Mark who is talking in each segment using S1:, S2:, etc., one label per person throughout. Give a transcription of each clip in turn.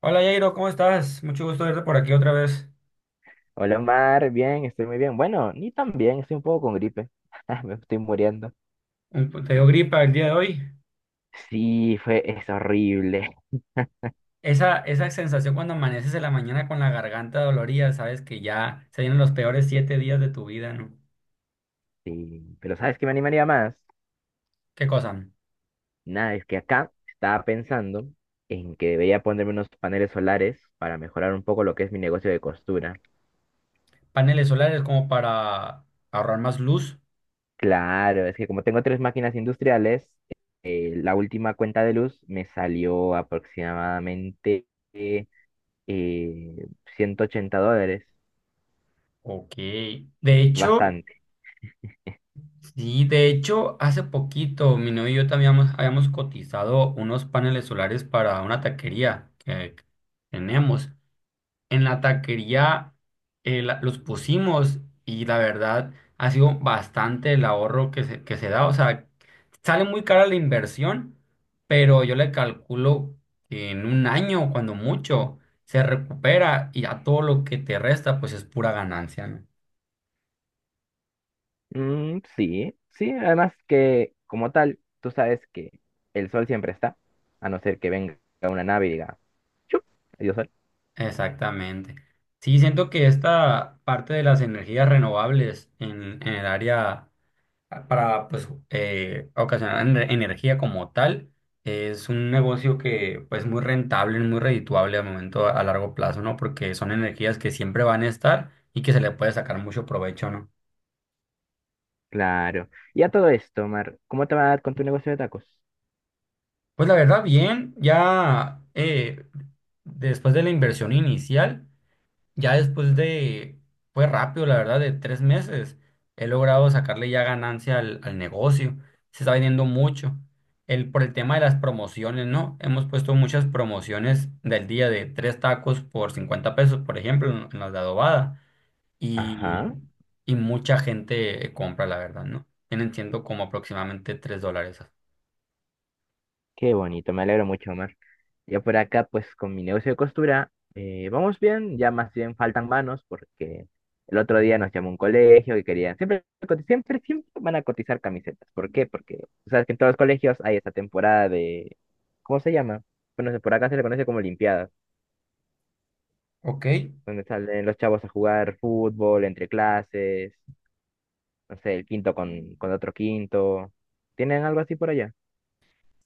S1: Hola Jairo, ¿cómo estás? Mucho gusto verte por aquí otra vez.
S2: Hola Omar, bien, estoy muy bien. Bueno, ni tan bien, estoy un poco con gripe. Me estoy muriendo.
S1: Te dio gripa el día de hoy.
S2: Sí, fue, es horrible.
S1: Esa sensación cuando amaneces en la mañana con la garganta dolorida, sabes que ya se vienen los peores 7 días de tu vida, ¿no?
S2: Sí. Pero ¿sabes qué me animaría más?
S1: ¿Qué cosa?
S2: Nada, es que acá estaba pensando en que debería ponerme unos paneles solares para mejorar un poco lo que es mi negocio de costura.
S1: Paneles solares como para ahorrar más luz.
S2: Claro, es que como tengo tres máquinas industriales, la última cuenta de luz me salió aproximadamente eh, $180.
S1: Ok. De hecho, sí, de hecho, hace poquito mi novio y yo también habíamos cotizado unos paneles solares para una taquería que tenemos. En la taquería, los pusimos y la verdad ha sido bastante el ahorro que se da. O sea, sale muy cara la inversión, pero yo le calculo que en un año, cuando mucho, se recupera y a todo lo que te resta, pues es pura ganancia, ¿no?
S2: Mm, sí, sí, además que como tal, tú sabes que el sol siempre está, a no ser que venga una nave y diga, ¡chup! Adiós sol.
S1: Exactamente. Sí, siento que esta parte de las energías renovables en el área para pues ocasionar energía como tal. Es un negocio que pues muy rentable, muy redituable al momento a largo plazo, ¿no? Porque son energías que siempre van a estar y que se le puede sacar mucho provecho, ¿no?
S2: Claro. Y a todo esto, Mar, ¿cómo te va con tu negocio de tacos?
S1: Pues la verdad, bien, ya, después de la inversión inicial. Ya después de, fue rápido, la verdad, de 3 meses, he logrado sacarle ya ganancia al, al negocio. Se está vendiendo mucho. El, por el tema de las promociones, ¿no? Hemos puesto muchas promociones del día de tres tacos por 50 pesos, por ejemplo, en las de adobada. Y,
S2: Ajá.
S1: y mucha gente compra, la verdad, ¿no? Tienen siendo como aproximadamente $3.
S2: Qué bonito, me alegro mucho, Omar. Ya por acá, pues con mi negocio de costura, vamos bien, ya más bien faltan manos porque el otro día nos llamó un colegio y querían, siempre, siempre, van a cotizar camisetas. ¿Por qué? Porque tú sabes que en todos los colegios hay esta temporada de, ¿cómo se llama? Bueno, por acá se le conoce como limpiadas,
S1: Ok.
S2: donde salen los chavos a jugar fútbol entre clases, no sé, el quinto con otro quinto. ¿Tienen algo así por allá?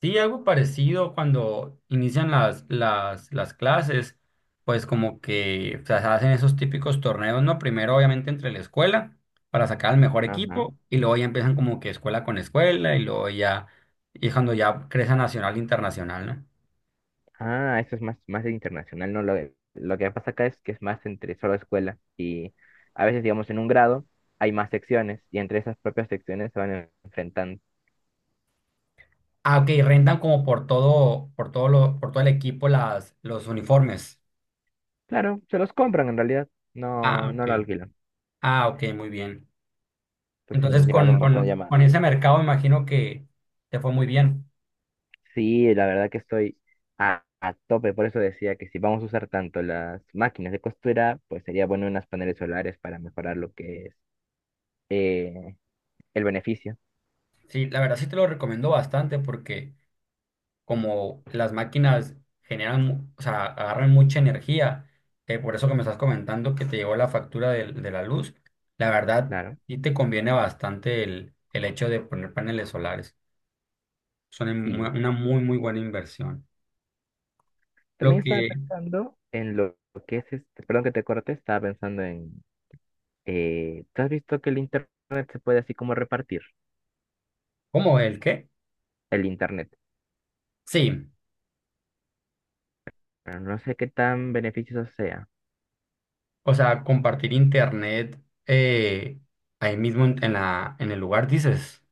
S1: Sí, algo parecido cuando inician las clases, pues como que o sea, se hacen esos típicos torneos, ¿no? Primero obviamente entre la escuela para sacar al mejor
S2: Ajá.
S1: equipo y luego ya empiezan como que escuela con escuela y luego ya, y cuando ya crece a nacional, e internacional, ¿no?
S2: Ah, eso es más, más internacional, ¿no? Lo que pasa acá es que es más entre solo escuela y a veces, digamos, en un grado hay más secciones y entre esas propias secciones se van enfrentando.
S1: Ah, ok, rentan como por todo el equipo los uniformes.
S2: Claro, se los compran en realidad,
S1: Ah, ok.
S2: no lo alquilan.
S1: Ah, ok, muy bien.
S2: Entonces me
S1: Entonces
S2: han llegado un
S1: con,
S2: montón de
S1: con,
S2: llamadas.
S1: con ese mercado imagino que te fue muy bien.
S2: Sí, la verdad que estoy a tope, por eso decía que si vamos a usar tanto las máquinas de costura, pues sería bueno unas paneles solares para mejorar lo que es eh, el beneficio,
S1: Sí, la verdad sí te lo recomiendo bastante porque como las máquinas generan, o sea, agarran mucha energía, por eso que me estás comentando que te llegó la factura de la luz, la verdad
S2: claro.
S1: sí te conviene bastante el hecho de poner paneles solares. Son en- una
S2: Sí,
S1: una muy, muy buena inversión. Lo
S2: también estaba
S1: que,
S2: pensando en lo que es este, perdón que te corte, estaba pensando en, ¿tú has visto que el internet se puede así como repartir?
S1: ¿Cómo el qué?
S2: El internet,
S1: Sí,
S2: pero no sé qué tan beneficioso sea.
S1: o sea, compartir internet, eh, ahí mismo en, en el lugar dices,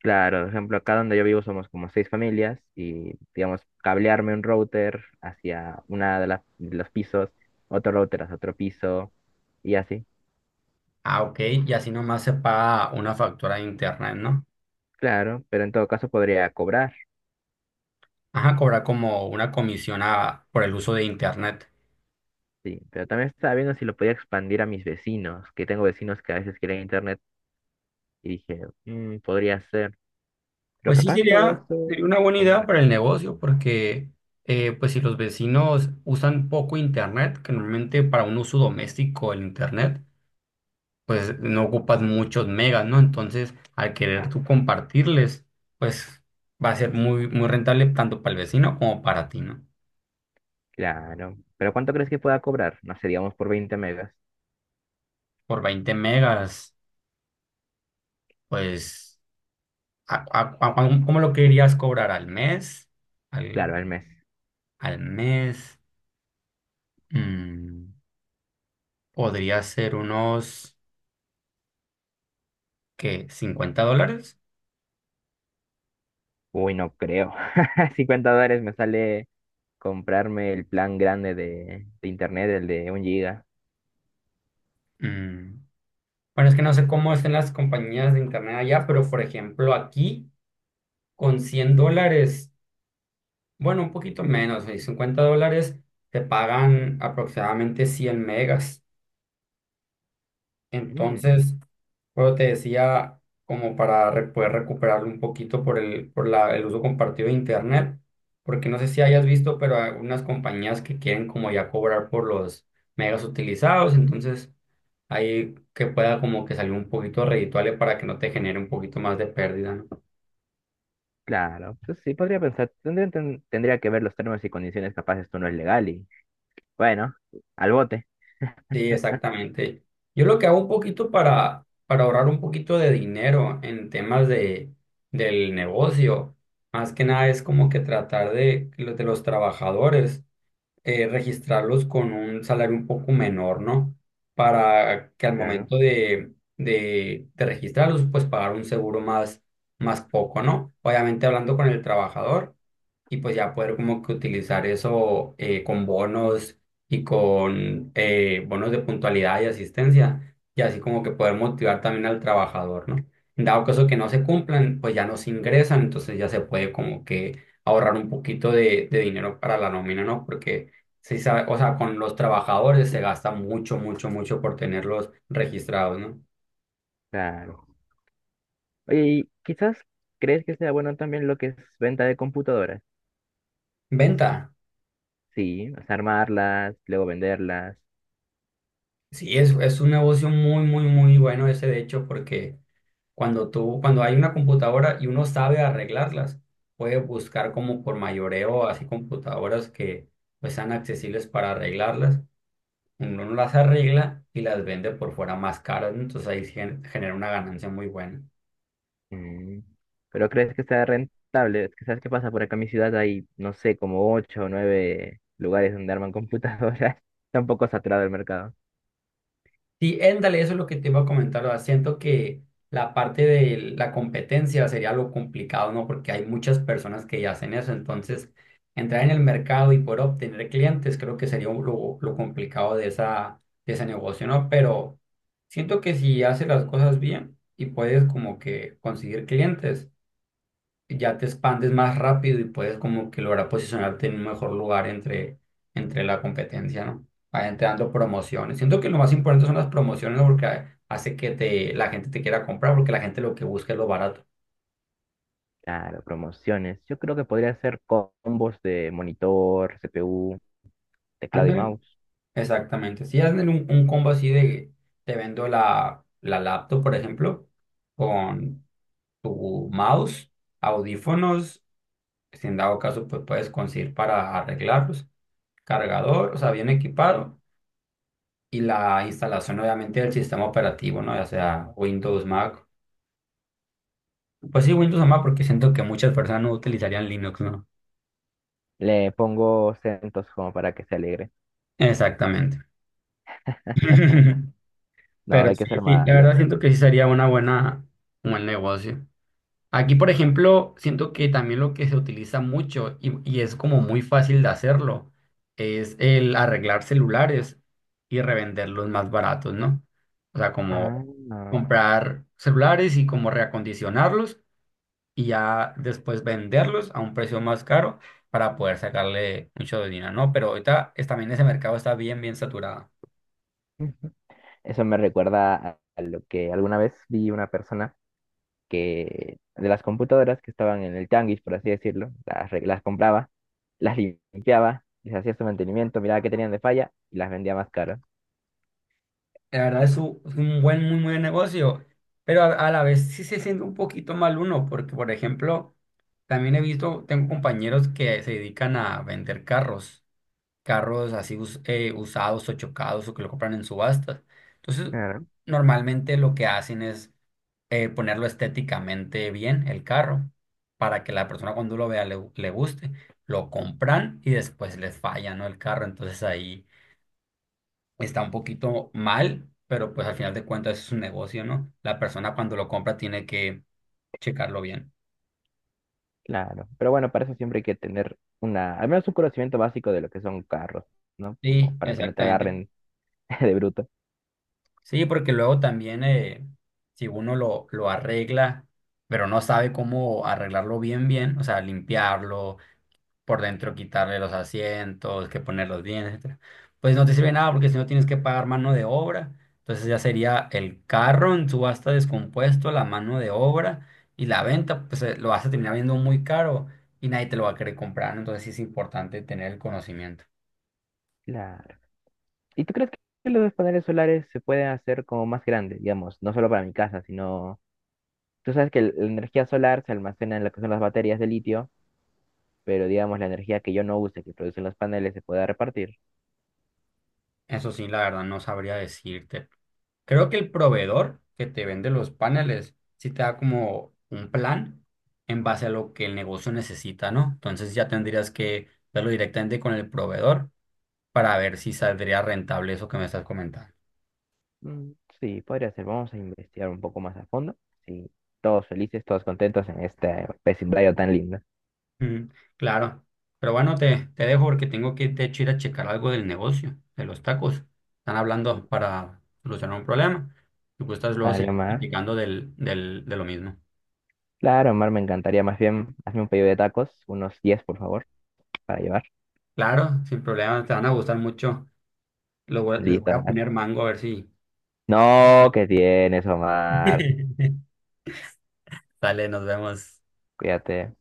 S2: Claro, por ejemplo, acá donde yo vivo somos como seis familias y, digamos, cablearme un router hacia una de de los pisos, otro router hacia otro piso y así.
S1: ah, ok, y así nomás se paga una factura de internet, ¿no?
S2: Claro, pero en todo caso podría cobrar,
S1: Ajá, cobrar como una comisión por el uso de internet.
S2: sí. Pero también estaba viendo si lo podía expandir a mis vecinos, que tengo vecinos que a veces quieren internet. Y dije, "Mm, podría ser, pero
S1: Pues sí,
S2: capaz todo
S1: sería,
S2: eso
S1: sería una buena
S2: conmigo."
S1: idea para el negocio, porque pues si los vecinos usan poco internet, que normalmente para un uso doméstico el internet, pues no ocupas muchos megas, ¿no? Entonces, al querer tú compartirles, pues va a ser muy, muy rentable tanto para el vecino como para ti, ¿no?
S2: Claro, pero ¿cuánto crees que pueda cobrar? No sé, digamos por 20 megas.
S1: Por 20 megas, pues, a- a- a- ¿cómo lo querías cobrar al mes? Al,
S2: Claro, al mes.
S1: al mes. Mm, podría ser unos, ¿qué? ¿$50?
S2: Uy, no creo. $50 me sale comprarme el plan grande de internet, el de un giga.
S1: Mm, bueno, es que no sé cómo es en las compañías de internet allá, pero por ejemplo aquí con $100, bueno, un poquito menos, $50, te pagan aproximadamente 100 megas.
S2: Mm,
S1: Entonces, bueno, te decía, como para poder recuperarlo un poquito por el uso compartido de internet, porque no sé si hayas visto, pero hay unas compañías que quieren como ya cobrar por los megas utilizados, entonces ahí que pueda como que salir un poquito redituable para que no te genere un poquito más de pérdida, ¿no?
S2: claro, pues sí, podría pensar. Tendría que ver los términos y condiciones, capaz esto no es legal y bueno, al bote.
S1: Sí, exactamente. Yo lo que hago un poquito para ahorrar un poquito de dinero en temas del negocio, más que nada es como que tratar de los trabajadores, registrarlos con un salario un poco menor, ¿no? Para que al
S2: Claro,
S1: momento de registrarlos, pues pagar un seguro más, más poco, ¿no? Obviamente hablando con el trabajador y pues ya poder como que utilizar eso, con bonos y con bonos de puntualidad y asistencia y así como que poder motivar también al trabajador, ¿no? Dado caso que no se cumplan, pues ya no se ingresan, entonces ya se puede como que ahorrar un poquito de dinero para la nómina, ¿no? Porque sí, sabe, o sea, con los trabajadores se gasta mucho, mucho, mucho por tenerlos registrados, ¿no?
S2: claro. Oye, y quizás crees que sea bueno también lo que es venta de computadoras.
S1: Venta.
S2: Sí, o sea, armarlas, luego venderlas.
S1: Sí, es un negocio muy, muy, muy bueno ese, de hecho, porque cuando tú, cuando hay una computadora y uno sabe arreglarlas, puede buscar como por mayoreo, así computadoras que pues sean accesibles para arreglarlas. Uno las arregla y las vende por fuera más caras, ¿no? Entonces ahí genera una ganancia muy buena.
S2: Mm, pero crees que sea rentable. Es que sabes qué pasa, por acá en mi ciudad hay, no sé, como ocho o nueve lugares donde arman computadoras. Está un poco saturado el mercado.
S1: Sí, éndale, eso es lo que te iba a comentar. O sea, siento que la parte de la competencia sería lo complicado, ¿no? Porque hay muchas personas que ya hacen eso. Entonces, entrar en el mercado y poder obtener clientes, creo que sería lo complicado de ese negocio, ¿no? Pero siento que si haces las cosas bien y puedes como que conseguir clientes, ya te expandes más rápido y puedes como que lograr posicionarte en un mejor lugar entre la competencia, ¿no? Vayan te dando promociones. Siento que lo más importante son las promociones, ¿no? Porque hace que te, la gente te quiera comprar porque la gente lo que busca es lo barato.
S2: Claro, promociones. Yo creo que podría hacer combos de monitor, CPU, teclado y
S1: Ándale,
S2: mouse.
S1: exactamente. Si hacen un combo así de te vendo la laptop, por ejemplo, con tu mouse, audífonos, si en dado caso pues puedes conseguir para arreglarlos, cargador, o sea, bien equipado y la instalación obviamente del sistema operativo, ¿no? Ya sea Windows, Mac. Pues sí, Windows o Mac porque siento que muchas personas no utilizarían Linux, ¿no?
S2: Le pongo centos como para que se alegre.
S1: Exactamente.
S2: No,
S1: Pero
S2: no hay que
S1: sí,
S2: ser
S1: sí, la
S2: malos.
S1: verdad siento que sí sería una buena, un buen negocio. Aquí, por ejemplo, siento que también lo que se utiliza mucho y es como muy fácil de hacerlo es el arreglar celulares y revenderlos más baratos, ¿no? O sea, como
S2: Ah, no.
S1: comprar celulares y como reacondicionarlos y ya después venderlos a un precio más caro para poder sacarle mucho dinero, ¿no? Pero ahorita también ese mercado está bien, bien saturado.
S2: Eso me recuerda a lo que alguna vez vi una persona que de las computadoras que estaban en el tianguis, por así decirlo, las compraba, las limpiaba, les hacía su mantenimiento, miraba qué tenían de falla y las vendía más caras.
S1: La verdad es un buen, muy buen negocio, pero a la vez sí se siente un poquito mal uno, porque por ejemplo, también he visto, tengo compañeros que se dedican a vender carros, carros así usados o chocados o que lo compran en subastas. Entonces,
S2: Claro.
S1: normalmente lo que hacen es, ponerlo estéticamente bien el carro para que la persona cuando lo vea le guste. Lo compran y después les falla, ¿no? El carro. Entonces ahí está un poquito mal, pero pues al final de cuentas es un negocio, ¿no? La persona cuando lo compra tiene que checarlo bien.
S2: Claro, pero bueno, para eso siempre hay que tener una, al menos un conocimiento básico de lo que son carros, ¿no?
S1: Sí,
S2: Como para que no te
S1: exactamente.
S2: agarren de bruto.
S1: Sí, porque luego también, si uno lo arregla, pero no sabe cómo arreglarlo bien, bien, o sea, limpiarlo por dentro, quitarle los asientos, que poner los bienes, etcétera. Pues no te sirve nada porque si no tienes que pagar mano de obra. Entonces ya sería el carro en subasta descompuesto, la mano de obra y la venta, pues, lo vas a terminar viendo muy caro y nadie te lo va a querer comprar, ¿no? Entonces sí es importante tener el conocimiento.
S2: Claro. ¿Y tú crees que los paneles solares se pueden hacer como más grandes, digamos, no solo para mi casa, sino, tú sabes que la energía solar se almacena en lo que son las baterías de litio pero digamos la energía que yo no use, que producen los paneles, se pueda repartir.
S1: Eso sí, la verdad no sabría decirte, creo que el proveedor que te vende los paneles sí te da como un plan en base a lo que el negocio necesita, ¿no? Entonces ya tendrías que verlo directamente con el proveedor para ver si saldría rentable eso que me estás comentando.
S2: Mm, sí, podría ser. Vamos a investigar un poco más a fondo. Sí, todos felices, todos contentos en este vecindario tan lindo.
S1: Mm, claro. Pero bueno, te dejo porque tengo que de hecho ir a checar algo del negocio, de los tacos. Están hablando para solucionar un problema. Si gustas luego
S2: Dale,
S1: seguir
S2: Mar.
S1: platicando de lo mismo.
S2: Claro, Mar, me encantaría. Más bien, hazme un pedido de tacos, unos 10 por favor, para llevar.
S1: Claro, sin problema, te van a gustar mucho. Les voy
S2: Listo,
S1: a
S2: Mar.
S1: poner mango a ver si...
S2: No, ¿qué tienes, Omar?
S1: Vale, nos vemos.
S2: Cuídate.